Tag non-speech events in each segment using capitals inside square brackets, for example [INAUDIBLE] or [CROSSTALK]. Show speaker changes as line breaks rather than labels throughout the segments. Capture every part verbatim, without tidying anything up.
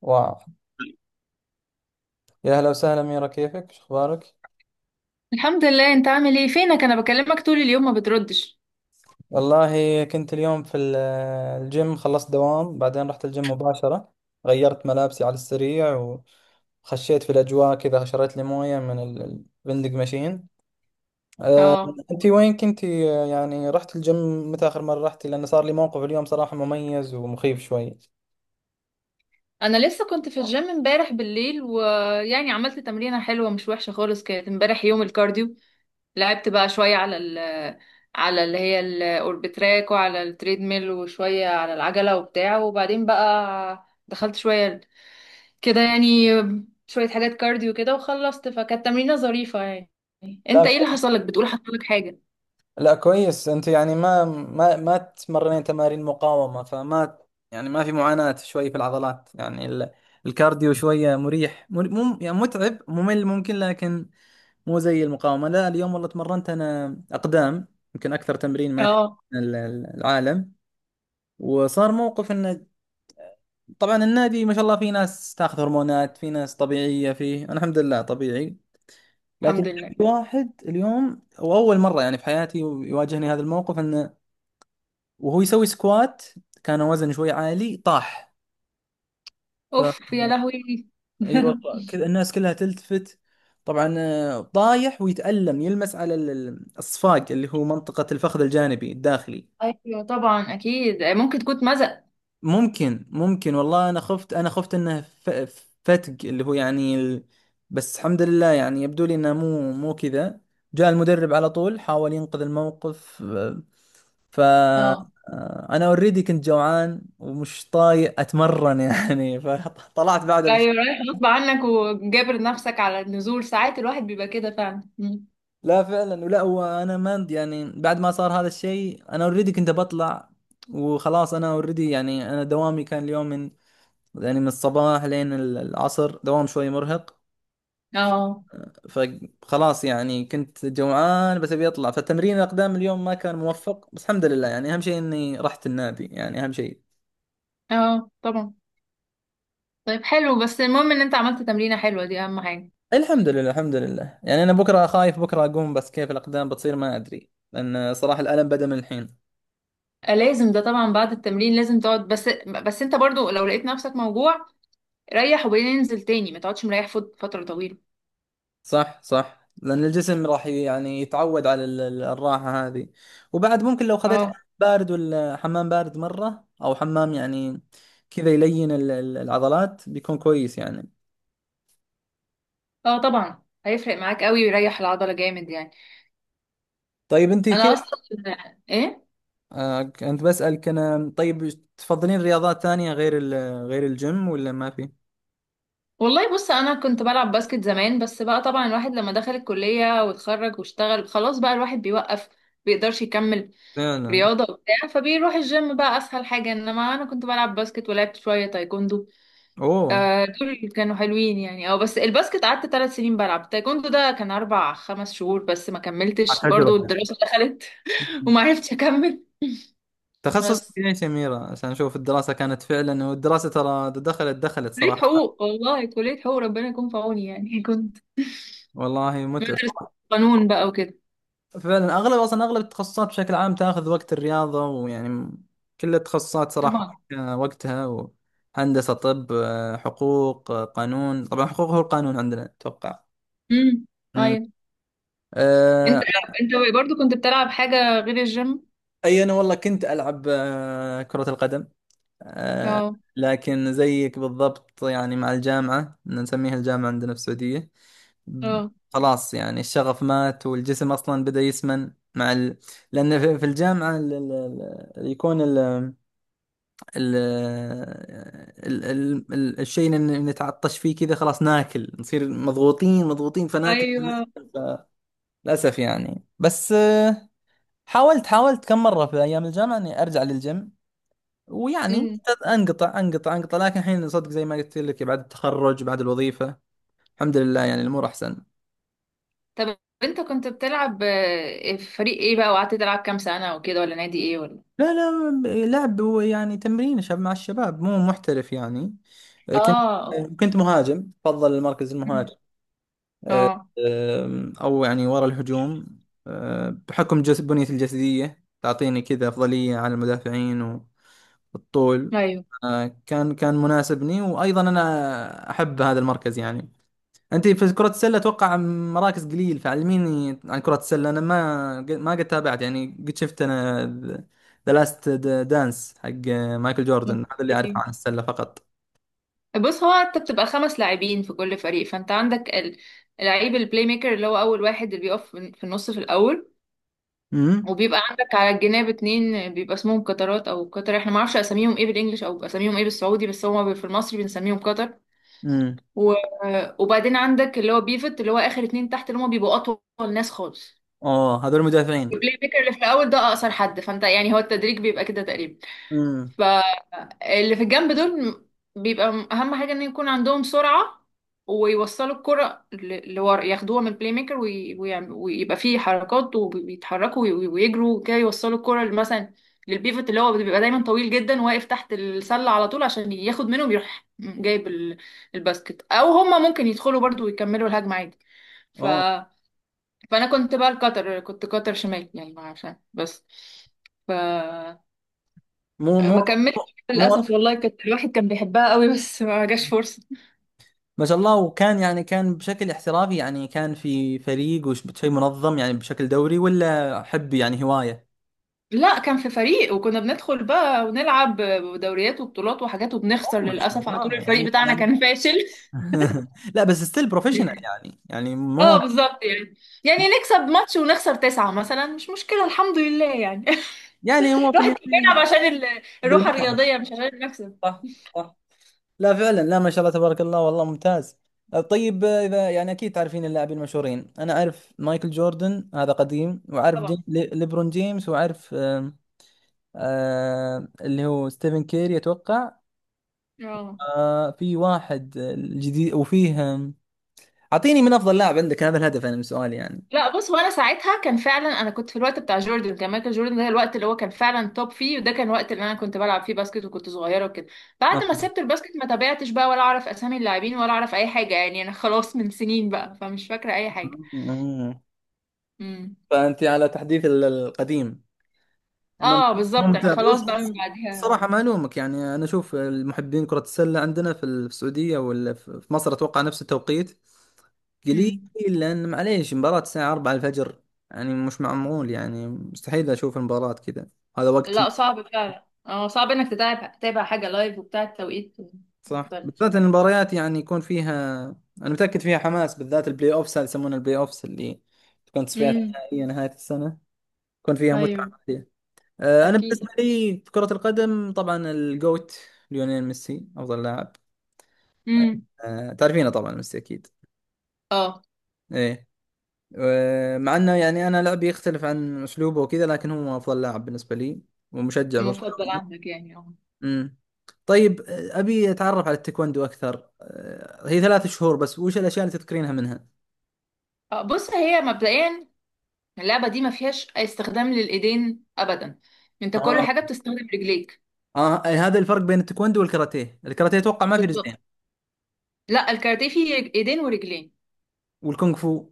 واو، يا هلا وسهلا أميرة، كيفك؟ شو أخبارك؟
الحمد لله، انت عامل ايه؟ فينك؟ انا بكلمك طول اليوم ما بتردش.
والله كنت اليوم في ال- الجيم. خلصت دوام بعدين رحت الجيم مباشرة، غيرت ملابسي على السريع وخشيت في الأجواء كذا. شريت لي موية من ال- الفندق ماشين. أه،
اه.
أنت وين كنتي؟ أه، يعني رحت الجيم، متى آخر مرة رحتي؟ لأن صار لي موقف اليوم صراحة مميز ومخيف شوي.
انا لسه كنت في الجيم امبارح بالليل، ويعني عملت تمرينة حلوة مش وحشة خالص، كانت امبارح يوم الكارديو. لعبت بقى شوية على ال على اللي هي الاوربتراك، وعلى التريدميل، وشوية على العجلة وبتاع، وبعدين بقى دخلت شوية كده يعني، شوية حاجات كارديو كده وخلصت، فكانت تمرينة ظريفة يعني. انت
لا
ايه اللي حصل لك؟ بتقول حصل لك حاجة.
لا كويس. انت يعني ما ما ما تمرنين تمارين مقاومة، فما يعني ما في معاناة شوي في العضلات. يعني ال- الكارديو شوية مريح، مر- مم يعني متعب ممل ممكن، لكن مو زي المقاومة. لا اليوم والله تمرنت انا اقدام، يمكن اكثر تمرين ما يحب
اه.
ال- ال- العالم. وصار موقف انه، طبعا النادي ما شاء الله في ناس تاخذ هرمونات، في ناس طبيعية فيه، انا الحمد لله طبيعي، لكن
الحمد لله.
في واحد اليوم، واول مرة يعني في حياتي يواجهني هذا الموقف، انه وهو يسوي سكوات كان وزنه شوي عالي، طاح. ف
اوف يا لهوي.
اي
[LAUGHS]
والله كذا الناس كلها تلتفت. طبعا آه، طايح ويتألم، يلمس على ال- ال- الصفاق اللي هو منطقة الفخذ الجانبي الداخلي.
ايوه طبعا، اكيد ممكن تكون مزق.
ممكن ممكن والله، انا خفت، انا خفت انه ف- فتق اللي هو يعني ال... بس الحمد لله يعني يبدو لي انه مو مو كذا. جاء المدرب على طول، حاول ينقذ الموقف. آه، ف
اه.
آه، انا اوريدي كنت جوعان ومش طايق اتمرن يعني [LAUGHS] فطلعت بعدها بش...
ايوه، رايح غصب عنك وجابر نفسك على النزول، ساعات الواحد بيبقى كده فعلا. مم.
لا فعلا، ولا هو انا ما يعني، بعد ما صار هذا الشيء انا اوريدي كنت بطلع وخلاص. انا اوريدي يعني انا دوامي كان اليوم من، يعني من الصباح لين ال- العصر، دوام شوي مرهق.
اه.
فخلاص يعني كنت جوعان بس ابي اطلع، فتمرين الاقدام اليوم ما كان موفق، بس الحمد لله يعني اهم شيء اني رحت النادي، يعني اهم شيء.
اه طبعا. طيب حلو، بس المهم ان انت عملت تمرينة حلوة، دي اهم حاجة.
الحمد لله الحمد لله. يعني انا بكره خايف بكره اقوم، بس كيف الاقدام بتصير ما ادري، لان صراحه الالم بدا من الحين.
آه، لازم ده طبعا، بعد التمرين لازم تقعد، بس بس انت برضو لو لقيت نفسك موجوع ريح وبعدين انزل تاني، ما تقعدش مريح فت- فترة طويلة.
صح صح، لان الجسم راح ي- يعني يتعود على ال- ال- الراحه هذه. وبعد ممكن لو خذيت
اه.
حمام بارد، ولا حمام بارد مره او حمام يعني كذا يلين ال- ال- العضلات، بيكون كويس يعني.
اه طبعا، هيفرق معاك قوي ويريح العضلة جامد يعني.
طيب انت
انا
كيف؟
اصلا. ايه.
آه انت، بسألك انا. طيب تفضلين رياضات ثانية غير ال- غير الجيم ولا ما في؟
والله بص، انا كنت بلعب باسكت زمان، بس بقى طبعا الواحد لما دخل الكلية واتخرج واشتغل خلاص بقى الواحد بيوقف، بيقدرش يكمل
لا لا.
رياضة وبتاع، فبيروح الجيم بقى اسهل حاجة. انما انا كنت بلعب باسكت ولعبت شوية تايكوندو.
اوه.
آه، دول اللي كانوا حلوين يعني. اه، بس الباسكت قعدت ثلاث سنين بلعب، تايكوندو ده كان اربع خمس شهور بس، ما كملتش
على
برضو
تجربة.
الدراسة دخلت. [LAUGHS] وما عرفتش اكمل.
تخصصك
بس
ايش يا أميرة؟ عشان أشوف الدراسة كانت فعلا، والدراسة ترى دخلت دخلت
كلية
صراحة.
حقوق، والله كلية حقوق ربنا يكون في عوني يعني. [LAUGHS] كنت
والله متعب.
بدرس قانون بقى وكده.
فعلا أغلب، أصلا أغلب التخصصات بشكل عام تاخذ وقت الرياضة ويعني كل التخصصات صراحة.
طبعا.
آه، وقتها و... هندسة، طب، آه، حقوق، آه، قانون، طبعا حقوق هو القانون عندنا أتوقع.
امم.
أمم.
أيوه. انت
آه،
انت برضو كنت بتلعب حاجة غير الجيم؟
أي أنا والله كنت ألعب آه، كرة القدم، آه،
اه.
لكن زيك بالضبط يعني مع الجامعة، إن نسميها الجامعة عندنا في السعودية. ب-
اه
خلاص يعني الشغف مات والجسم أصلا بدأ يسمن مع ال... لأن في في الجامعة ال... ال... ال- يكون ال... ال... ال... ال... ال... الشيء اللي نتعطش فيه كذا، خلاص ناكل، نصير مضغوطين مضغوطين فناكل،
ايوه.
للأسف يعني. بس آه، حاولت حاولت كم مرة في أيام الجامعة إني أرجع للجيم، ويعني
امم.
انقطع انقطع انقطع، لكن الحين صدق زي ما قلت لك، بعد التخرج بعد الوظيفة الحمد لله يعني الامور احسن.
طب انت كنت بتلعب آه، في فريق ايه بقى؟ وقعدت تلعب كام سنة وكده؟ ولا نادي ايه ولا؟
لا لا لعب، يعني تمرين شباب مع الشباب، مو محترف يعني. كنت
اه.
كنت مهاجم، بفضل المركز
أمم.
المهاجم. أه،
اه.
أم، او يعني ورا الهجوم. أه، بحكم جس بنيتي الجسدية تعطيني كذا افضلية على المدافعين، والطول.
ايوه.
أه، كان كان مناسبني، وايضا انا احب هذا المركز يعني. انت في كرة السلة اتوقع مراكز قليل، فعلميني عن كرة السلة، انا ما ما قد تابعت يعني، قد شفت انا ذا لاست دانس حق مايكل جوردن، هذا اللي اعرفه
اوكي،
عن السلة فقط.
بص هو انت بتبقى خمس لاعبين في كل فريق، فانت عندك ال- لعيب، البلاي ميكر اللي هو اول واحد اللي بيقف في في النص في الاول،
امم.
وبيبقى عندك على الجناب اتنين بيبقى اسمهم قطرات او قطر، احنا ما اعرفش اساميهم ايه بالانجلش او اساميهم ايه بالسعودي، بس هو في المصري بنسميهم قطر.
امم.
و... وبعدين عندك اللي هو بيفت، اللي هو اخر اتنين تحت اللي هم بيبقوا اطول ناس خالص.
اوه، هذول المدافعين.
البلاي ميكر اللي في الاول ده اقصر حد، فانت يعني هو التدريج بيبقى كده تقريبا.
امم.
ف اللي في الجنب دول بيبقى م- اهم حاجه ان يكون عندهم سرعه، ويوصلوا الكره ل- لورا، ياخدوها من البلاي ميكر وي- ويعم- ويبقى فيه حركات وبيتحركوا وي- ويجروا كده يوصلوا الكره ل- مثلا للبيفت، اللي هو بيبقى دايما طويل جدا واقف تحت السله على طول، عشان ياخد منهم يروح جايب ال- الباسكت، او هما ممكن يدخلوا برضو ويكملوا الهجمه عادي. ف...
اوه.
فانا كنت بقى القطر، كنت قطر شمال يعني، ما عشان بس
مو مو
ما كملتش
مو
للاسف. والله كانت الواحد كان بيحبها قوي، بس ما جاش فرصه.
ما شاء الله! وكان يعني كان بشكل احترافي يعني؟ كان في فريق وش شيء منظم يعني بشكل دوري، ولا حب يعني هواية؟
لا، كان في فريق، وكنا بندخل بقى ونلعب دوريات وبطولات وحاجات وبنخسر
اوه ما شاء
للاسف على طول،
الله،
الفريق
يعني
بتاعنا
يعني
كان فاشل.
[LAUGHS] لا بس ستيل بروفيشنال
[LAUGHS]
يعني، يعني
اه
مو،
بالظبط، يعني يعني نكسب ماتش ونخسر تسعة مثلا، مش مشكلة الحمد لله يعني.
يعني
[LAUGHS]
هو في
الواحد كان
النهاية
بيلعب عشان ال- الروح
بالمتعة.
الرياضية مش عشان المكسب.
صح صح. لا فعلا، لا ما شاء الله تبارك الله، والله ممتاز. طيب اذا يعني اكيد تعرفين اللاعبين المشهورين، انا اعرف مايكل جوردن هذا قديم، واعرف
طبعا.
جي... لي- ليبرون جيمس، واعرف آم، آه اللي هو ستيفن كيري اتوقع.
اه.
آه في واحد جديد وفيه آم، اعطيني من افضل لاعب عندك، هذا الهدف انا من سؤالي يعني.
لا، بص هو انا ساعتها كان فعلا، انا كنت في الوقت بتاع جوردن، كان مايكل جوردن ده الوقت اللي هو كان فعلا توب فيه، وده كان الوقت اللي انا كنت بلعب فيه باسكت وكنت صغيره وكده. بعد
آه.
ما سبت الباسكت ما تابعتش بقى، ولا اعرف اسامي اللاعبين ولا اعرف اي حاجه يعني، انا [LAUGHS] خلاص من سنين بقى فمش فاكره اي حاجه.
آه.
امم.
فانت على تحديث ال- القديم. مم-
اه بالظبط، انا
ممتع بص.
خلاص بقى من بعدها.
صراحة ما ألومك يعني، أنا أشوف المحبين كرة السلة عندنا في السعودية ولا في في مصر أتوقع نفس التوقيت قليل،
امم.
لأن معليش مباراة الساعة أربعة الفجر، يعني مش معمول يعني، مستحيل أشوف المباراة كذا، هذا وقت م-
لا، صعب فعلا، اه صعب انك تتابع تتابع حاجه لايف وبتاع، التوقيت
صح.
مختلف.
بالذات إن المباريات يعني يكون فيها، أنا متأكد فيها حماس، بالذات البلاي أوفس، هذا يسمونه البلاي أوفس، اللي تكون تصفيات
امم.
نهائية نهاية السنة، يكون فيها متعة.
ايوه
آه، انا بالنسبه
اكيد.
لي في كره القدم طبعا الجوت، ليونيل ميسي افضل لاعب.
امم.
آه، تعرفينه طبعا، ميسي اكيد.
اه
ايه. و مع انه يعني انا لعبي يختلف عن اسلوبه وكذا، لكن هو افضل لاعب بالنسبه لي، ومشجع
مفضل
برشلوني.
عندك يعني. اه.
امم. طيب آه، ابي اتعرف على التايكوندو اكثر. آه، هي ثلاث شهور بس، وش الاشياء اللي تذكرينها منها؟
آه، بص هي مبدئيا اللعبة دي ما فيهاش استخدام للإيدين أبدا، أنت كل
اه
حاجة بتستخدم رجليك.
اه، أي هذا الفرق بين التايكوندو والكاراتيه، الكاراتيه اتوقع ما في رجلين.
بالظبط. لا، الكاراتيه فيه رج- إيدين ورجلين.
والكونغ فو.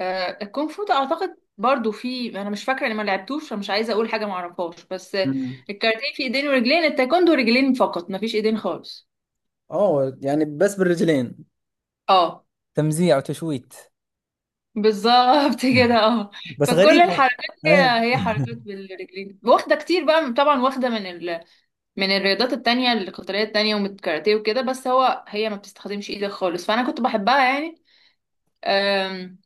آه الكونغ فو ده أعتقد برضو فيه، أنا مش فاكرة إني ما لعبتوش، فمش عايزة أقول حاجة ما أعرفهاش، بس آه،
امم.
الكاراتيه فيه إيدين ورجلين، التايكوندو رجلين فقط، ما فيش إيدين خالص.
اوه، يعني بس بالرجلين
اه
تمزيع وتشويت.
بالظبط، [LAUGHS] كده اه.
بس
فكل
غريب.
الحركات
آه.
هي هي حركات بالرجلين، واخدة كتير بقى طبعا، واخدة من من الرياضات التانية، القتالية التانية والكاراتيه وكده، بس هو هي ما بتستخدمش ايدك خالص، فأنا كنت بحبها يعني. أم،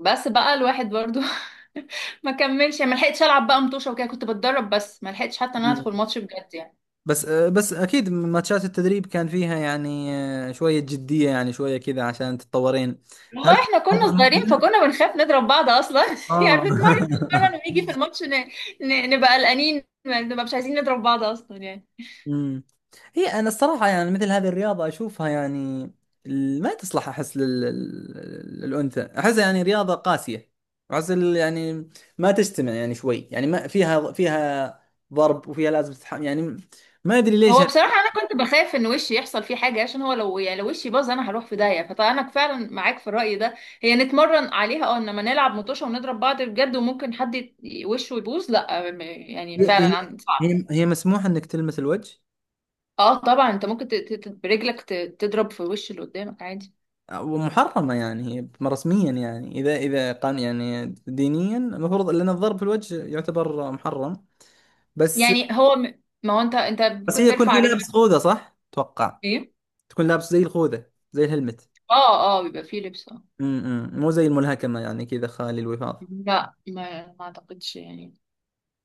بس بقى الواحد برضو [LAUGHS] ما كملش يعني، ما لحقتش ألعب بقى مطوشة وكده، كنت بتدرب بس ما لحقتش حتى إن أنا أدخل
مم.
ماتش بجد يعني.
بس آه، بس اكيد ماتشات التدريب كان فيها يعني آه، شويه جديه، يعني شويه كذا عشان تتطورين.
والله
فهل كان
احنا
أفضل
كنا صغيرين
مؤهلة؟
فكنا بنخاف نضرب بعض اصلا. [LAUGHS] يعني
اه
بنتمرن بنتمرن
[LAUGHS]
ونيجي في الماتش ن... ن... نبقى قلقانين، ما- نبقى مش عايزين نضرب بعض اصلا يعني.
مم. هي انا الصراحه يعني مثل هذه الرياضه اشوفها يعني ال- ما تصلح، احس لل... لل- للانثى، احسها يعني رياضه قاسيه، احس ال- يعني ما تجتمع يعني شوي، يعني ما فيها فيها ضرب، وفيها لازم تتحمل يعني، ما ادري ليش.
هو بصراحة أنا كنت بخاف إن وشي يحصل فيه حاجة، عشان هو لو يعني لو وشي باظ أنا هروح في داهية، فأنا فعلا معاك في الرأي ده. هي نتمرن عليها أه، إنما نلعب مطوشة ونضرب بعض بجد وممكن حد يت- وشه يبوظ، لأ م- يعني
هي
فعلا
هي
عن- صعب.
هي هي مسموح انك تلمس الوجه؟
أه طبعا أنت ممكن ت- ت- برجلك ت- تضرب في وش اللي قدامك عادي.
ومحرمه يعني هي رسميا، يعني اذا اذا قان يعني دينيا المفروض، لان الضرب في الوجه يعتبر محرم. بس،
يعني هو م- ما هو أنت أنت
بس
ممكن
هي يكون في
ترفع رجلك.
لابس خوذه صح؟ اتوقع
إيه.
تكون لابس زي الخوذه زي الهلمت.
أه، أه بيبقى فيه لبس أه.
امم، مو زي الملهكمه يعني كذا خالي الوفاض.
لا ما ما أعتقدش يعني.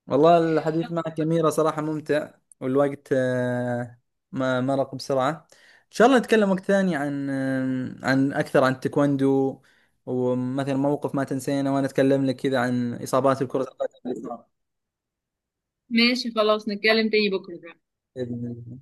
والله الحديث معك يا أميرة صراحة ممتع، والوقت آه، ما مرق بسرعة. إن شاء الله نتكلم وقت ثاني عن آم، عن أكثر عن التايكوندو، ومثلا موقف ما تنسينا، وأنا أتكلم لك كذا عن إصابات الكرة القدم اللي صارت.
ماشي خلاص، نتكلم تاني بكرة.
بإذن الله.